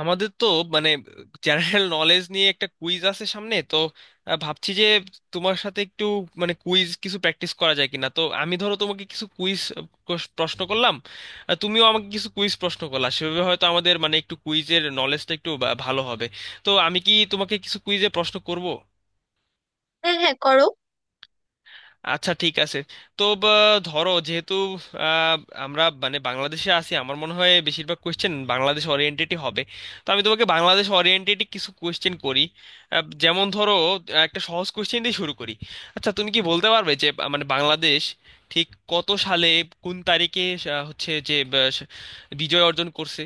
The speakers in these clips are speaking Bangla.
আমাদের তো মানে জেনারেল নলেজ নিয়ে একটা কুইজ আছে সামনে। তো ভাবছি যে তোমার সাথে একটু মানে কুইজ কিছু প্র্যাকটিস করা যায় কিনা। তো আমি, ধরো, তোমাকে কিছু কুইজ প্রশ্ন করলাম, আর তুমিও আমাকে কিছু কুইজ প্রশ্ন করলা। সেভাবে হয়তো আমাদের মানে একটু কুইজের নলেজটা একটু ভালো হবে। তো আমি কি তোমাকে কিছু কুইজে প্রশ্ন করব? হ্যাঁ, হ্যাঁ, করো। আচ্ছা, ঠিক আছে। তো ধরো, যেহেতু আহ, আমরা মানে বাংলাদেশে আছি, আমার মনে হয় বেশিরভাগ কোয়েশ্চেন বাংলাদেশ ওরিয়েন্টেডই হবে। তো আমি তোমাকে বাংলাদেশ ওরিয়েন্টেডই কিছু কোয়েশ্চেন করি। যেমন ধরো, একটা সহজ কোয়েশ্চেন দিয়ে শুরু করি। আচ্ছা, তুমি কি বলতে পারবে যে মানে বাংলাদেশ ঠিক কত সালে, কোন তারিখে হচ্ছে যে বিজয় অর্জন করছে?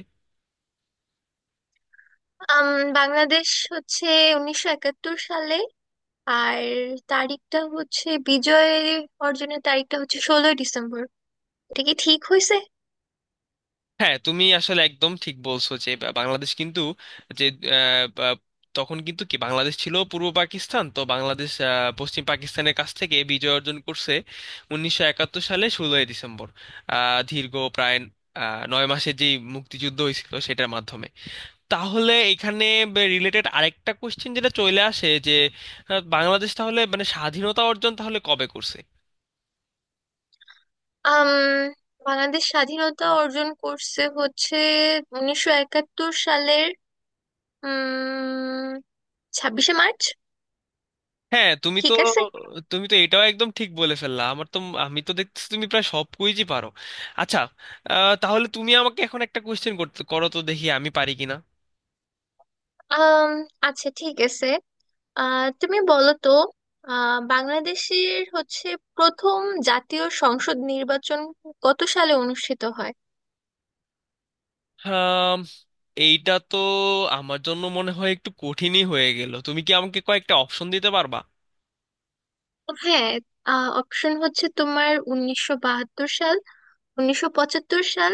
আম, বাংলাদেশ হচ্ছে 1971 সালে। আর তারিখটা হচ্ছে বিজয় অর্জনের তারিখটা হচ্ছে 16ই ডিসেম্বর। এটা কি ঠিক হয়েছে? হ্যাঁ, তুমি আসলে একদম ঠিক বলছো যে বাংলাদেশ কিন্তু যে আহ, বা- তখন কিন্তু কি বাংলাদেশ ছিল পূর্ব পাকিস্তান। তো বাংলাদেশ পশ্চিম পাকিস্তানের কাছ থেকে বিজয় অর্জন করছে 1971 সালে 16ই ডিসেম্বর, দীর্ঘ প্রায় 9 মাসের যে মুক্তিযুদ্ধ হয়েছিল সেটার মাধ্যমে। তাহলে এখানে রিলেটেড আরেকটা কোশ্চেন যেটা চলে আসে যে বাংলাদেশ তাহলে মানে স্বাধীনতা অর্জন তাহলে কবে করছে? আম বাংলাদেশ স্বাধীনতা অর্জন করছে হচ্ছে 1971 সালের উম 26শে মার্চ। হ্যাঁ, তুমি তো ঠিক আছে। তুমি তো এটাও একদম ঠিক বলে ফেললা। আমার তো আমি তো দেখতেছি তুমি প্রায় সব কুইজই পারো। আচ্ছা, তাহলে তুমি আমাকে এখন একটা কোয়েশ্চেন করতে করো তো, দেখি আমি পারি কিনা। আম আচ্ছা, ঠিক আছে। তুমি বলো তো, বাংলাদেশের হচ্ছে প্রথম জাতীয় সংসদ নির্বাচন কত সালে অনুষ্ঠিত হয়? আম, এইটা তো আমার জন্য মনে হয় একটু কঠিনই হয়ে গেল। তুমি কি আমাকে কয়েকটা অপশন দিতে পারবা? হ্যাঁ, অপশন হচ্ছে তোমার 1972 সাল, 1975 সাল,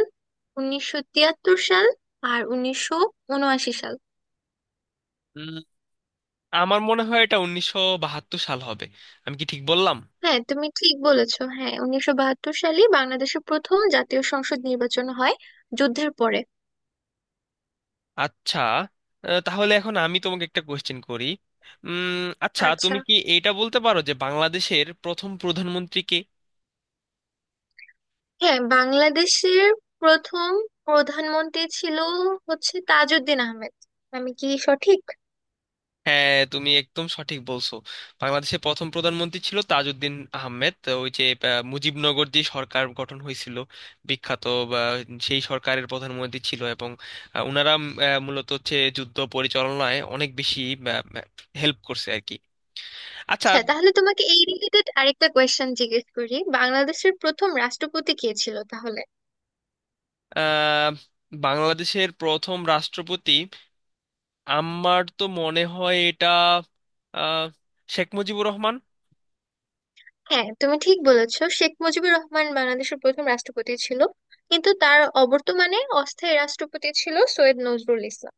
1973 সাল, আর 1979 সাল। উম, আমার মনে হয় এটা 1972 সাল হবে। আমি কি ঠিক বললাম? হ্যাঁ তুমি ঠিক বলেছো। হ্যাঁ, 1972 সালে বাংলাদেশের প্রথম জাতীয় সংসদ নির্বাচন হয়, যুদ্ধের পরে। আচ্ছা, তাহলে এখন আমি তোমাকে একটা কোয়েশ্চেন করি। আচ্ছা, আচ্ছা। তুমি কি এটা বলতে পারো যে বাংলাদেশের প্রথম প্রধানমন্ত্রী কে? হ্যাঁ, বাংলাদেশের প্রথম প্রধানমন্ত্রী ছিল হচ্ছে তাজউদ্দিন আহমেদ। আমি কি সঠিক? হ্যাঁ, তুমি একদম সঠিক বলছো। বাংলাদেশের প্রথম প্রধানমন্ত্রী ছিল তাজউদ্দিন আহমেদ। তো ওই যে মুজিবনগর যে সরকার গঠন হয়েছিল বিখ্যাত, বা সেই সরকারের প্রধানমন্ত্রী ছিল, এবং ওনারা মূলত হচ্ছে যুদ্ধ পরিচালনায় অনেক বেশি হেল্প করছে আর কি। আচ্ছা। আচ্ছা, তাহলে তোমাকে এই রিলেটেড আরেকটা কোয়েশ্চেন জিজ্ঞেস করি, বাংলাদেশের প্রথম রাষ্ট্রপতি কে ছিল তাহলে? আহ, বাংলাদেশের প্রথম রাষ্ট্রপতি আমার তো মনে হয় এটা আহ, শেখ মুজিবুর রহমান। হ্যাঁ তুমি ঠিক বলেছো, শেখ মুজিবুর রহমান বাংলাদেশের প্রথম রাষ্ট্রপতি ছিল। কিন্তু তার অবর্তমানে অস্থায়ী রাষ্ট্রপতি ছিল সৈয়দ নজরুল ইসলাম।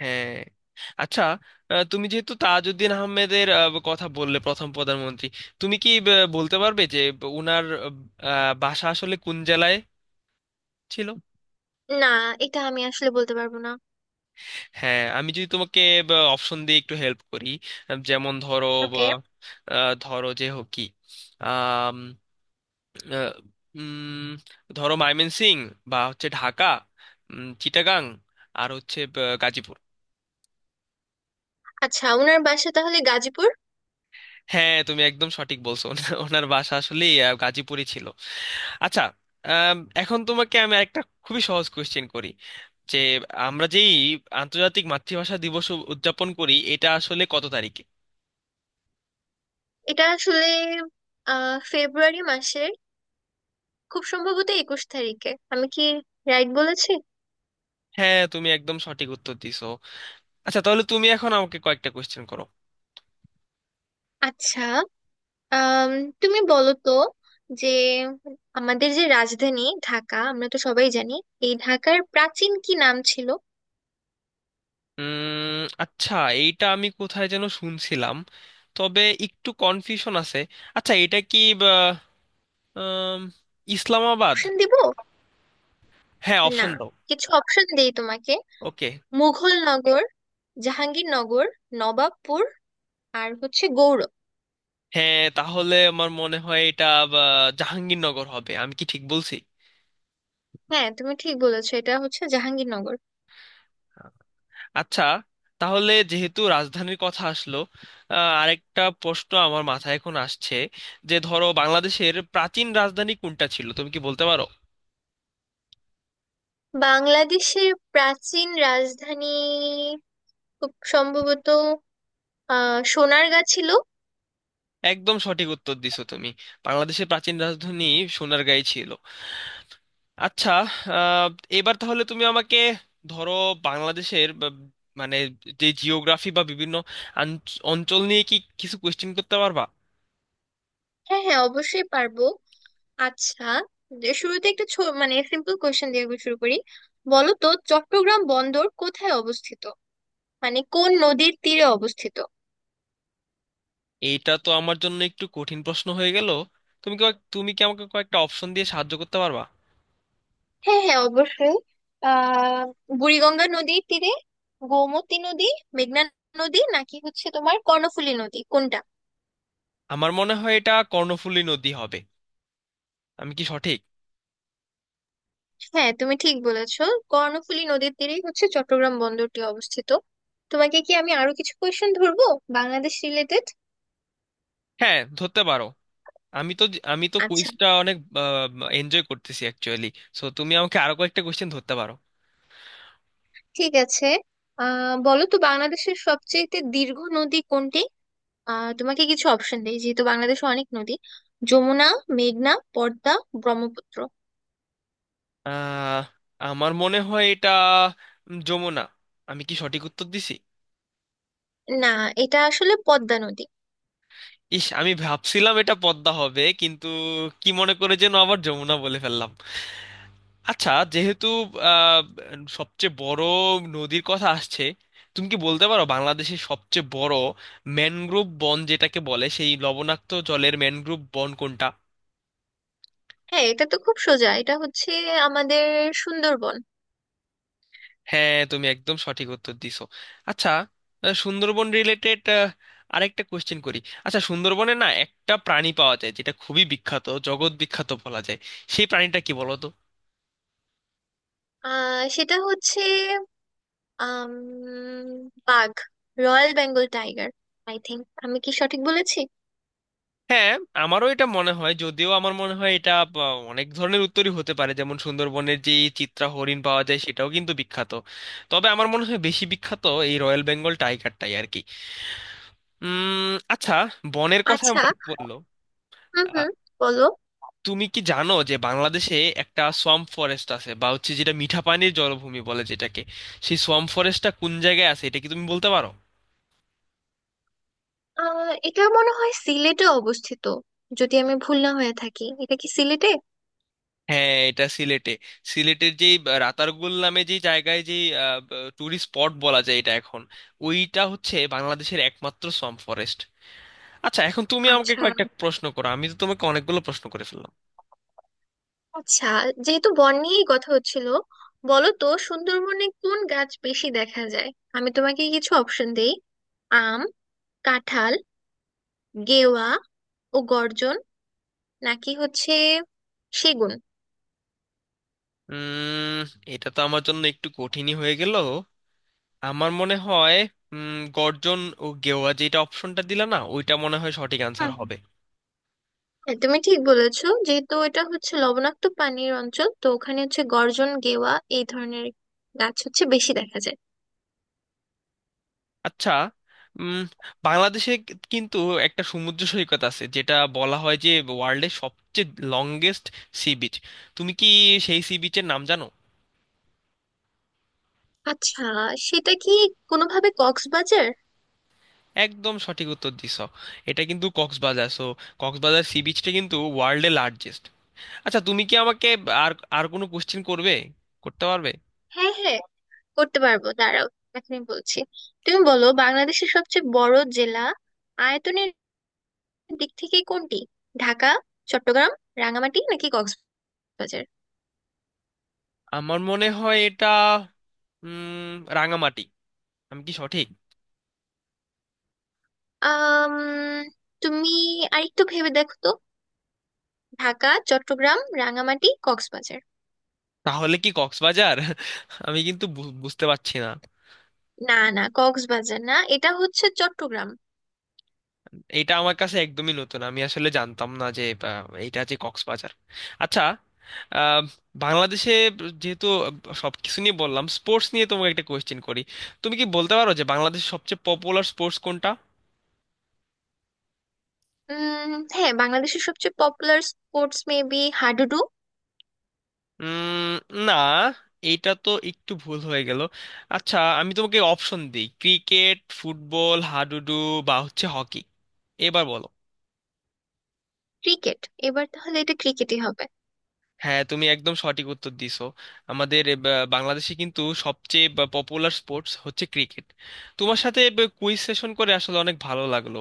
হ্যাঁ। আচ্ছা, তুমি যেহেতু তাজউদ্দিন আহমেদের কথা বললে প্রথম প্রধানমন্ত্রী, তুমি কি বলতে পারবে যে উনার বাসা আসলে কোন জেলায় ছিল? না, এটা আমি আসলে বলতে পারবো না। হ্যাঁ, আমি যদি তোমাকে অপশন দিয়ে একটু হেল্প করি। যেমন ধরো, ওকে। আহ, আহ, ধরো যে হোক কি, আম, আহ, উম, ধরো ময়মনসিংহ বা হচ্ছে ঢাকা, চিটাগাং, আর হচ্ছে গাজীপুর। আচ্ছা, ওনার বাসা তাহলে গাজীপুর। হ্যাঁ, তুমি একদম সঠিক বলছো। ওনার ওনার বাসা আসলে গাজীপুরই ছিল। আচ্ছা, আম, এখন তোমাকে আমি একটা খুবই সহজ কোশ্চেন করি যে আমরা যেই আন্তর্জাতিক মাতৃভাষা দিবস উদযাপন করি, এটা আসলে কত তারিখে? এটা আসলে ফেব্রুয়ারি মাসের খুব সম্ভবত 21 তারিখে। আমি কি রাইট বলেছি? হ্যাঁ, তুমি একদম সঠিক উত্তর দিছো। আচ্ছা, তাহলে তুমি এখন আমাকে কয়েকটা কোশ্চেন করো। আচ্ছা। আম, তুমি বলো তো যে আমাদের যে রাজধানী ঢাকা আমরা তো সবাই জানি, এই ঢাকার প্রাচীন কি নাম ছিল? উম আচ্ছা, এইটা আমি কোথায় যেন শুনছিলাম, তবে একটু কনফিউশন আছে। আচ্ছা, এটা কি আম, ইসলামাবাদ? অপশন দিব? হ্যাঁ, না, অপশন দাও। কিছু অপশন দেই তোমাকে। ওকে। মুঘল নগর, জাহাঙ্গীরনগর, নবাবপুর, আর হচ্ছে গৌড়। হ্যাঁ, তাহলে আমার মনে হয় এটা বা, জাহাঙ্গীরনগর হবে। আমি কি ঠিক বলছি? হ্যাঁ তুমি ঠিক বলেছো, এটা হচ্ছে জাহাঙ্গীরনগর। আচ্ছা, তাহলে যেহেতু রাজধানীর কথা আসলো, আরেকটা প্রশ্ন আমার মাথায় এখন আসছে, যে ধরো বাংলাদেশের প্রাচীন রাজধানী কোনটা ছিল তুমি কি বলতে পারো? বাংলাদেশের প্রাচীন রাজধানী খুব সম্ভবত সোনারগাঁ ছিল। একদম সঠিক উত্তর দিছো তুমি। বাংলাদেশের প্রাচীন রাজধানী সোনারগাঁই ছিল। আচ্ছা, আহ, এবার তাহলে তুমি আমাকে ধরো বাংলাদেশের বা মানে যে জিওগ্রাফি বা বিভিন্ন অঞ্চল নিয়ে কি কিছু কোয়েশ্চেন করতে পারবা? হ্যাঁ, হ্যাঁ, অবশ্যই পারবো। আচ্ছা, যে শুরুতে একটা ছো মানে সিম্পল কোয়েশ্চেন দিয়ে আমি শুরু করি। বলো তো, চট্টগ্রাম বন্দর কোথায় অবস্থিত, মানে কোন নদীর তীরে অবস্থিত? এইটা তো আমার জন্য একটু কঠিন প্রশ্ন হয়ে গেল। তুমি কি তুমি কি আমাকে কয়েকটা অপশন দিয়ে সাহায্য করতে পারবা? হ্যাঁ, হ্যাঁ, অবশ্যই। আহ বুড়িগঙ্গা নদীর তীরে, গোমতী নদী, মেঘনা নদী, নাকি হচ্ছে তোমার কর্ণফুলী নদী, কোনটা? আমার মনে হয় এটা কর্ণফুলী নদী হবে। আমি কি সঠিক? হ্যাঁ তুমি ঠিক বলেছো, কর্ণফুলী নদীর তীরেই হচ্ছে চট্টগ্রাম বন্দরটি অবস্থিত। তোমাকে কি আমি আরো কিছু কোয়েশ্চেন ধরবো, বাংলাদেশ রিলেটেড? হ্যাঁ, ধরতে পারো। আমি তো আমি তো আচ্ছা, কুইজটা অনেক এনজয় করতেছি অ্যাকচুয়ালি। সো তুমি আমাকে আরো কয়েকটা কোয়েশ্চেন ধরতে পারো। ঠিক আছে। বলো তো বাংলাদেশের সবচেয়ে দীর্ঘ নদী কোনটি? তোমাকে কিছু অপশন দেই, যেহেতু বাংলাদেশে অনেক নদী। যমুনা, মেঘনা, পদ্মা, ব্রহ্মপুত্র। আহ, আমার মনে হয় এটা যমুনা। আমি কি সঠিক উত্তর দিছি? না, এটা আসলে পদ্মা নদী। ইস, আমি ভাবছিলাম এটা পদ্মা হবে, কিন্তু কি মনে করে যেন আবার যমুনা বলে ফেললাম। আচ্ছা, যেহেতু আহ, সবচেয়ে বড় নদীর কথা আসছে, তুমি কি বলতে পারো বাংলাদেশের সবচেয়ে বড় ম্যানগ্রোভ বন যেটাকে বলে, সেই লবণাক্ত জলের ম্যানগ্রোভ বন কোনটা? হ্যাঁ, এটা তো খুব সোজা, এটা হচ্ছে আমাদের সুন্দরবন। হ্যাঁ, তুমি একদম সঠিক উত্তর দিছো। আচ্ছা, সুন্দরবন রিলেটেড আরেকটা কোশ্চেন করি। আচ্ছা, সুন্দরবনে না একটা প্রাণী পাওয়া যায় যেটা খুবই বিখ্যাত, জগৎ বিখ্যাত বলা যায়। সেই প্রাণীটা কি বলো তো? সেটা হচ্ছে আম, বাঘ, royal Bengal tiger. I think. আমি কি সঠিক বলেছি? হ্যাঁ, আমারও এটা মনে হয়, যদিও আমার মনে হয় এটা অনেক ধরনের উত্তরই হতে পারে। যেমন সুন্দরবনের যে এই চিত্রা হরিণ পাওয়া যায় সেটাও কিন্তু বিখ্যাত, তবে আমার মনে হয় বেশি বিখ্যাত এই রয়্যাল বেঙ্গল টাইগারটাই আর কি। উম আচ্ছা, বনের কথা আচ্ছা। মনে পড়লো। হুম, আহ, হুম। বলো। তুমি কি জানো যে বাংলাদেশে একটা সোয়াম্প ফরেস্ট আছে বা হচ্ছে, যেটা মিঠাপানির জলভূমি বলে যেটাকে, সেই সোয়াম্প ফরেস্টটা কোন জায়গায় আছে এটা কি তুমি বলতে পারো? এটা মনে হয় সিলেটে অবস্থিত। যদি আমি ভুল না হয়ে থাকি, এটা কি সিলেটে? হ্যাঁ, এটা সিলেটে। সিলেটের যেই রাতারগুল নামে যে জায়গায়, যে টুরিস্ট স্পট বলা যায় এটা এখন, ওইটা হচ্ছে বাংলাদেশের একমাত্র সোয়াম্প ফরেস্ট। আচ্ছা, এখন তুমি আমাকে আচ্ছা। কয়েকটা প্রশ্ন করো। আমি তো তোমাকে অনেকগুলো প্রশ্ন করে ফেললাম। আচ্ছা, যেহেতু বন নিয়েই কথা হচ্ছিল, বলো তো সুন্দরবনে কোন গাছ বেশি দেখা যায়? আমি তোমাকে কিছু অপশন দেই। আম কাঁঠাল, গেওয়া ও গর্জন, নাকি হচ্ছে সেগুন? উম এটা তো আমার জন্য একটু কঠিনই হয়ে গেল। আমার মনে হয় উম গর্জন ও গেওয়া যেটা অপশনটা দিলা না, ওইটা মনে হয় সঠিক আনসার হুম, হুম। হবে। হ্যাঁ তুমি ঠিক বলেছো, যেহেতু এটা হচ্ছে লবণাক্ত পানির অঞ্চল, তো ওখানে হচ্ছে গর্জন, গেওয়া, এই ধরনের গাছ হচ্ছে বেশি দেখা যায়। আচ্ছা, উম, বাংলাদেশে কিন্তু একটা সমুদ্র সৈকত আছে যেটা বলা হয় যে ওয়ার্ল্ডের সবচেয়ে লংগেস্ট সি বিচ। তুমি কি সেই সি বিচের নাম জানো? আচ্ছা। সেটা কি কোনোভাবে কক্সবাজার? একদম সঠিক উত্তর দিছো। এটা কিন্তু কক্সবাজার। সো কক্সবাজার সি বিচটা কিন্তু ওয়ার্ল্ডের লার্জেস্ট। আচ্ছা, তুমি কি আমাকে আর আর কোনো কোশ্চেন করবে, করতে পারবে? হ্যাঁ, হ্যাঁ, করতে পারবো, দাঁড়াও, এখনই বলছি। তুমি বলো বাংলাদেশের সবচেয়ে বড় জেলা আয়তনের দিক থেকে কোনটি? ঢাকা, চট্টগ্রাম, রাঙামাটি নাকি কক্সবাজার? আমার মনে হয় এটা উম, রাঙামাটি। আমি কি সঠিক? আম তুমি আরেকটু ভেবে দেখো তো, ঢাকা, চট্টগ্রাম, রাঙামাটি, কক্সবাজার। তাহলে কি কক্সবাজার? আমি কিন্তু বুঝতে পারছি না। না, না, কক্সবাজার না, এটা হচ্ছে চট্টগ্রাম। এটা আমার কাছে একদমই নতুন, আমি আসলে জানতাম না যে এইটা যে কক্সবাজার। আচ্ছা, আহ, বাংলাদেশে যেহেতু সবকিছু নিয়ে বললাম, স্পোর্টস নিয়ে তোমাকে একটা কোয়েশ্চেন করি। তুমি কি বলতে পারো যে বাংলাদেশের সবচেয়ে পপুলার স্পোর্টস কোনটা? হ্যাঁ, বাংলাদেশের সবচেয়ে পপুলার স্পোর্টস মেবি হাডুডু। উম, না, এইটা তো একটু ভুল হয়ে গেল। আচ্ছা, আমি তোমাকে অপশন দিই: ক্রিকেট, ফুটবল, হাডুডু, বা হচ্ছে হকি। এবার বলো। ক্রিকেট। এবার তাহলে এটা ক্রিকেটই হবে। হ্যাঁ, তুমি একদম সঠিক উত্তর দিছো। আমাদের বাংলাদেশে কিন্তু সবচেয়ে পপুলার স্পোর্টস হচ্ছে ক্রিকেট। তোমার সাথে কুইজ সেশন করে আসলে অনেক ভালো লাগলো।